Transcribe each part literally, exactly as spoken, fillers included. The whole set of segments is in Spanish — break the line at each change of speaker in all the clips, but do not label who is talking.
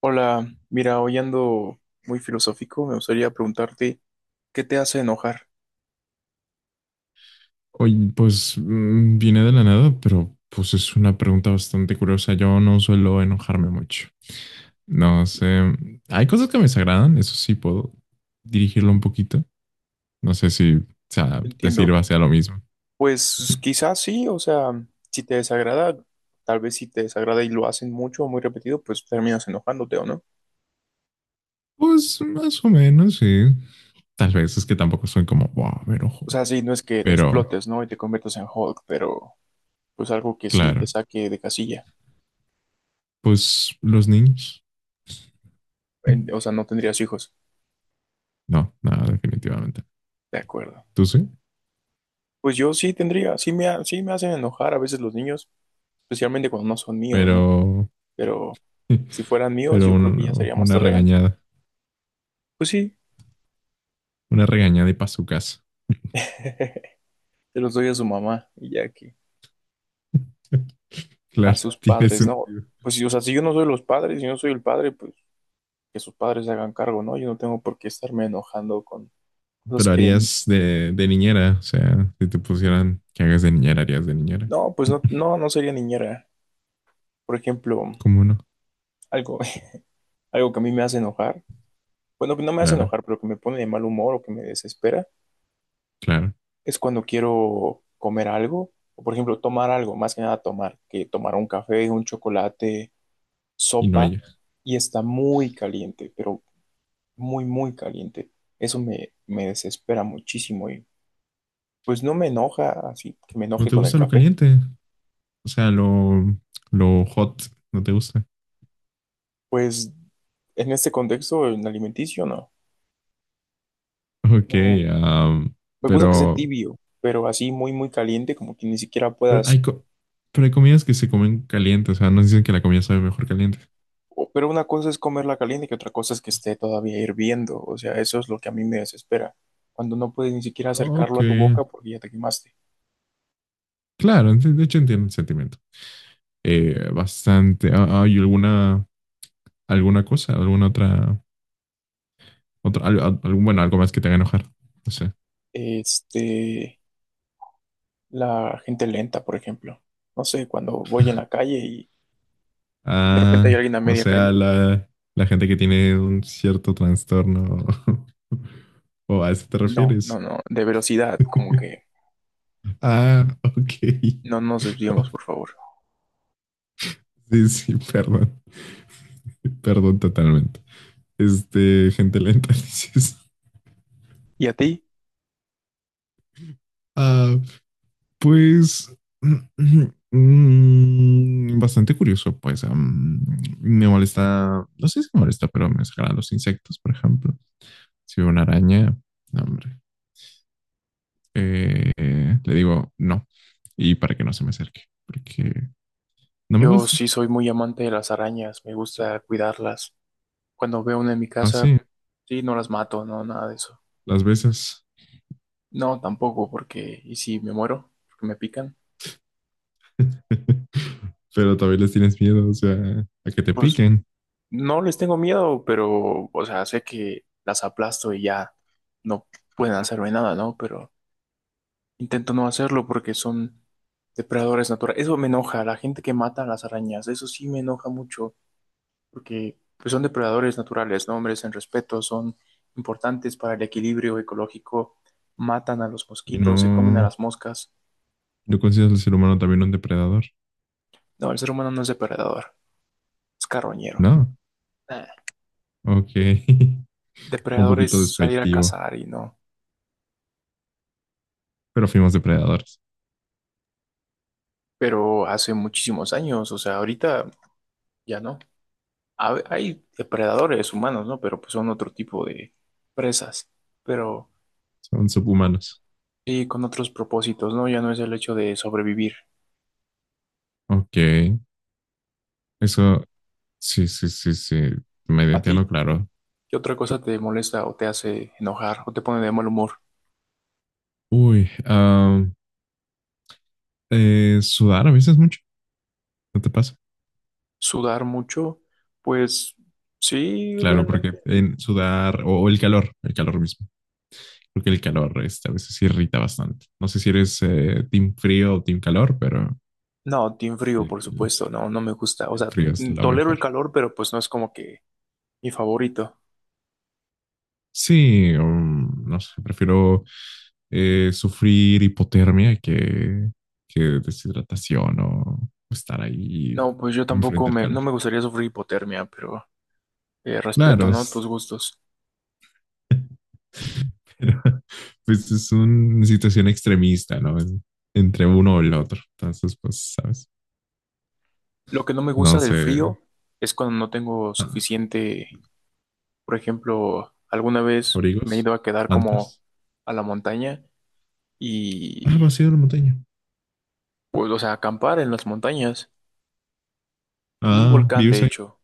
Hola, mira, hoy ando muy filosófico, me gustaría preguntarte, ¿qué te hace enojar?
Oye, pues mm, viene de la nada, pero pues es una pregunta bastante curiosa. Yo no suelo enojarme mucho. No sé, hay cosas que me desagradan, eso sí puedo dirigirlo un poquito. No sé si, o sea, te
Entiendo.
sirva sea lo mismo.
Pues quizás sí, o sea, si te desagrada, tal vez si te desagrada y lo hacen mucho o muy repetido, pues terminas enojándote, ¿o no?
Pues más o menos, sí. Tal vez es que tampoco soy como, wow, me enojo.
O sea, sí, no es que
Pero,
explotes, ¿no? Y te conviertas en Hulk, pero pues algo que sí te
claro,
saque de casilla.
pues los niños.
En- o sea, no tendrías hijos,
No, nada, definitivamente.
de acuerdo.
Tú sí,
Pues yo sí tendría, sí me, ha- sí me hacen enojar a veces los niños, especialmente cuando no son míos, ¿no?
pero,
Pero si fueran míos,
pero
yo creo que ya
un-
sería más
una
tolerante.
regañada,
Pues sí,
una regañada y pa' su casa.
se los doy a su mamá y ya que a
Claro,
sus
tiene
padres, ¿no?
sentido.
Pues si, o sea, si yo no soy los padres, si yo no soy el padre, pues que sus padres se hagan cargo, ¿no? Yo no tengo por qué estarme enojando con cosas
Pero
que ni-
harías de, de niñera, o sea, si te pusieran que hagas de niñera, harías de niñera.
no, pues no, no, no sería niñera. Por ejemplo,
¿Cómo no?
algo, algo que a mí me hace enojar, bueno, que no me hace
Claro,
enojar, pero que me pone de mal humor o que me desespera,
claro.
es cuando quiero comer algo, o por ejemplo, tomar algo, más que nada tomar, que tomar un café, un chocolate,
Y no
sopa,
hay.
y está muy caliente, pero muy, muy caliente. Eso me, me desespera muchísimo y pues no me enoja así que me
¿No
enoje
te
con el
gusta lo
café.
caliente? O sea, lo, lo hot, ¿no te gusta?
Pues en este contexto, en alimenticio, no.
Ok,
No,
am,
me gusta que sea
pero,
tibio, pero así muy, muy caliente, como que ni siquiera
pero hay,
puedas.
co- pero hay comidas que se comen caliente, o sea, nos dicen que la comida sabe mejor caliente.
o- Pero una cosa es comerla caliente que otra cosa es que esté todavía hirviendo. O sea, eso es lo que a mí me desespera. Cuando no puedes ni siquiera
Ok,
acercarlo a tu boca porque ya te quemaste.
claro, ent- de hecho entiendo el sentimiento. Eh, bastante. Ah, ¿hay alguna, alguna cosa, alguna otra otro, al- al- algún, bueno, algo más que te haga enojar? No sé.
Este, la gente lenta, por ejemplo. No sé, cuando voy en la calle y de repente hay
Ah,
alguien a
o
media
sea,
calle.
la, la gente que tiene un cierto trastorno. ¿O a eso te
No, no,
refieres?
no, de velocidad, como que
Ah, ok.
no nos desviemos, por favor.
Sí, sí, perdón. Perdón totalmente. Este, gente lenta, dices.
¿Y a ti?
Ah, pues. mm, bastante curioso, pues. am, me molesta. No sé si me molesta, pero me sacan los insectos, por ejemplo. Si veo una araña, no, hombre. eh, le digo no. Y para que no se me acerque, porque no me
Yo
gusta.
sí soy muy amante de las arañas, me gusta cuidarlas. Cuando veo una en mi casa,
Así,
sí, no las mato, no, nada de eso.
las veces.
No, tampoco, porque, ¿y si me muero? Porque me pican.
Pero también les tienes miedo, o sea, a que te
Pues
piquen.
no les tengo miedo, pero, o sea, sé que las aplasto y ya no pueden hacerme nada, ¿no? Pero intento no hacerlo porque son depredadores naturales. Eso me enoja, la gente que mata a las arañas, eso sí me enoja mucho. Porque pues, son depredadores naturales, ¿no? Hombres en respeto, son importantes para el equilibrio ecológico, matan a los
Y
mosquitos, se comen a
no,
las moscas.
no consideras al ser humano también un depredador.
No, el ser humano no es depredador, es carroñero.
No,
Ah,
ok. Un
depredador
poquito
es salir a
despectivo.
cazar y no,
Pero fuimos depredadores.
pero hace muchísimos años, o sea, ahorita ya no. Ha- Hay depredadores humanos, ¿no? Pero pues son otro tipo de presas, pero
Son
co-
subhumanos.
sí con otros propósitos, ¿no? Ya no es el hecho de sobrevivir.
Ok. Eso, sí, sí, sí, sí. Me
¿A
entiendo
ti
claro.
qué otra cosa te molesta o te hace enojar o te pone de mal humor?
Uy, ah, eh, sudar a veces mucho. ¿No te pasa?
¿Sudar mucho? Pues sí,
Claro, porque
realmente.
en sudar o, o el calor, el calor mismo, porque el calor este, a veces irrita bastante. No sé si eres eh, team frío o team calor, pero
No, team frío, por
el,
supuesto, no, no me gusta. O
el
sea,
frío es
mm,
lo
tolero
mejor.
el calor, pero pues no es como que mi favorito.
Sí, um, no sé, prefiero eh, sufrir hipotermia que, que deshidratación o estar ahí
No, pues yo tampoco
enfrente del
me,
calor.
no me gustaría sufrir hipotermia, pero eh, respeto,
Claro,
¿no?
s-
Tus gustos.
pero pues es una situación extremista, ¿no? Es entre uno o el otro. Entonces, pues, ¿sabes?
Lo que no me
No
gusta del
sé.
frío es cuando no tengo
Ah,
suficiente, por ejemplo, alguna vez me he
abrigos,
ido a quedar como
mantas.
a la montaña
Ah,
y
vacío de la montaña.
pues, o sea, acampar en las montañas, en un
Ah,
volcán
vives
de
ahí,
hecho,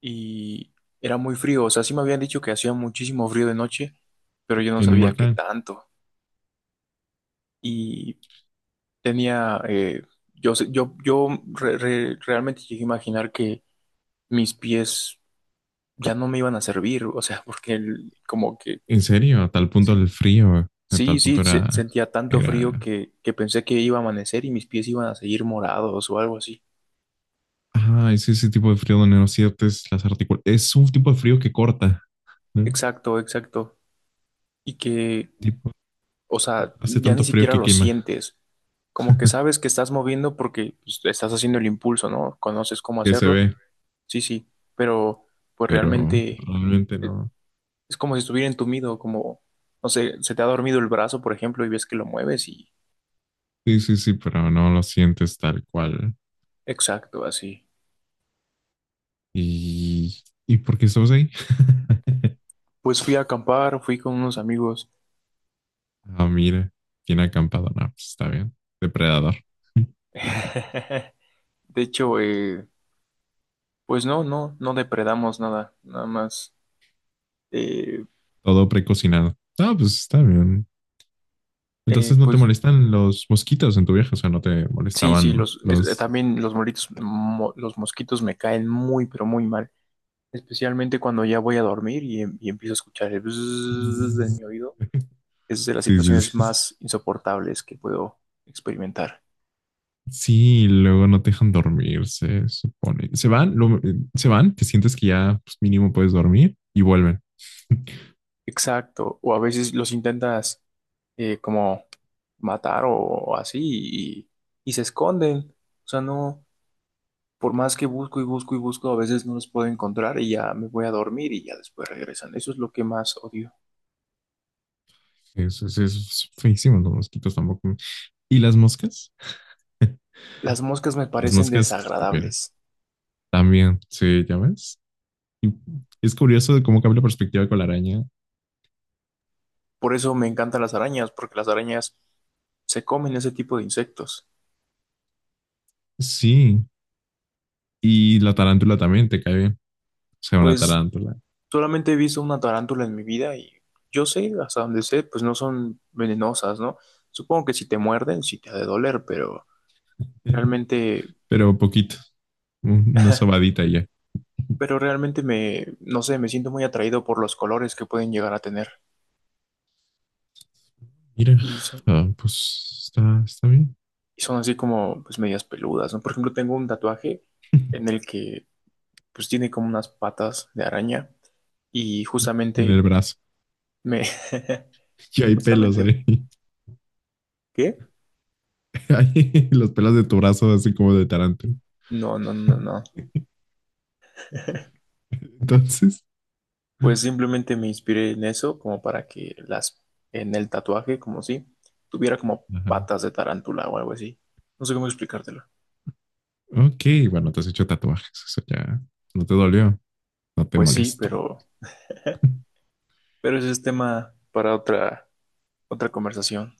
y era muy frío, o sea, sí me habían dicho que hacía muchísimo frío de noche, pero yo no
en un
sabía qué
volcán.
tanto, y tenía, eh, yo, sé- yo, yo re- re- realmente llegué a imaginar que mis pies ya no me iban a servir, o sea, porque el- como que,
En serio, a tal punto
sí,
el frío, a
sí,
tal punto
sí, se-
era,
sentía tanto frío
era,
que, que pensé que iba a amanecer y mis pies iban a seguir morados o algo así.
ah, es ese tipo de frío donde no sientes las articulaciones. Es un tipo de frío que corta, ¿no?
Exacto, exacto. Y que
Tipo,
o sea,
hace
ya
tanto
ni
frío
siquiera
que
lo
quema,
sientes. Como que sabes que estás moviendo porque pues, estás haciendo el impulso, ¿no? Conoces cómo
que se
hacerlo.
ve,
Sí, sí, pero pues
pero
realmente
realmente
eh,
no.
es como si estuviera entumido, como, no sé, se te ha dormido el brazo, por ejemplo, y ves que lo mueves y...
Sí, sí, sí, pero no lo sientes tal cual.
Exacto, así.
¿Y, ¿y por qué estamos ahí?
Pues fui a acampar, fui con unos amigos.
Ah, mire, bien acampado. No, pues está bien. Depredador.
De hecho, eh, pues no, no, no depredamos nada, nada más. Eh,
Todo precocinado. Ah, pues está bien.
eh,
Entonces no te
pues
molestan los mosquitos en tu viaje, o sea, no te
sí, sí,
molestaban
los, es- eh,
los...
también los moritos, mo- los mosquitos me caen muy, pero muy mal. Especialmente cuando ya voy a dormir y, em- y empiezo a escuchar el bzzz en
Sí,
mi oído. Es de las
sí,
situaciones
sí.
más insoportables que puedo experimentar.
Sí, luego no te dejan dormir, se supone. Se van, lo- eh, se van, te sientes que ya pues, mínimo puedes dormir y vuelven.
Exacto. O a veces los intentas eh, como matar o así y, y se esconden. O sea, no, por más que busco y busco y busco, a veces no los puedo encontrar y ya me voy a dormir y ya después regresan. Eso es lo que más odio.
Eso es, eso es feísimo, los mosquitos tampoco. ¿Y las moscas?
Las moscas me
Las
parecen
moscas, ¿qué opinan?
desagradables.
También, sí, ya ves. Y es curioso de cómo cambia la perspectiva con la araña.
Por eso me encantan las arañas, porque las arañas se comen ese tipo de insectos.
Sí, y la tarántula también te cae bien. O sea, una
Pues
tarántula,
solamente he visto una tarántula en mi vida y yo sé, hasta donde sé, pues no son venenosas, ¿no? Supongo que si te muerden, sí te ha de doler, pero realmente,
pero poquito, un- una sobadita y ya.
pero realmente me, no sé, me siento muy atraído por los colores que pueden llegar a tener.
Mira,
Y son,
ah, pues está, está bien.
y son así como, pues medias peludas, ¿no? Por ejemplo, tengo un tatuaje en el que, pues tiene como unas patas de araña y
En
justamente
el brazo.
me,
Y hay pelos
justamente,
ahí.
¿qué?
Hay los pelos de tu brazo, así como de tarántula.
No, no, no, no.
Entonces,
Pues simplemente me inspiré en eso como para que las, en el tatuaje, como si tuviera como
ajá.
patas de tarántula o algo así. No sé cómo explicártelo.
Ok, bueno, te has hecho tatuajes. Eso ya no te dolió, no te
Pues sí,
molestó.
pero, pero ese es tema para otra, otra conversación.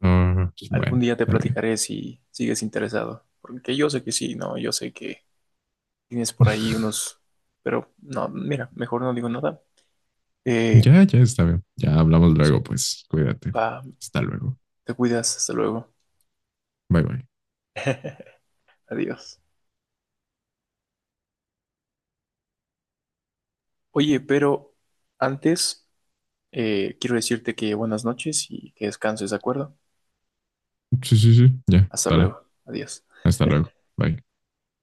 Ah, pues,
Algún
bueno,
día te
está bien.
platicaré si sigues interesado, porque yo sé que sí, no, yo sé que tienes por ahí unos, pero no, mira, mejor no digo nada. Eh,
Ya, ya está bien. Ya hablamos
pues,
luego, pues cuídate.
va,
Hasta luego.
te cuidas, hasta luego,
Bye, bye.
adiós. Oye, pero antes eh, quiero decirte que buenas noches y que descanses, ¿de acuerdo?
Sí, sí, sí. Ya,
Hasta
dale.
luego. Adiós.
Hasta luego. Bye.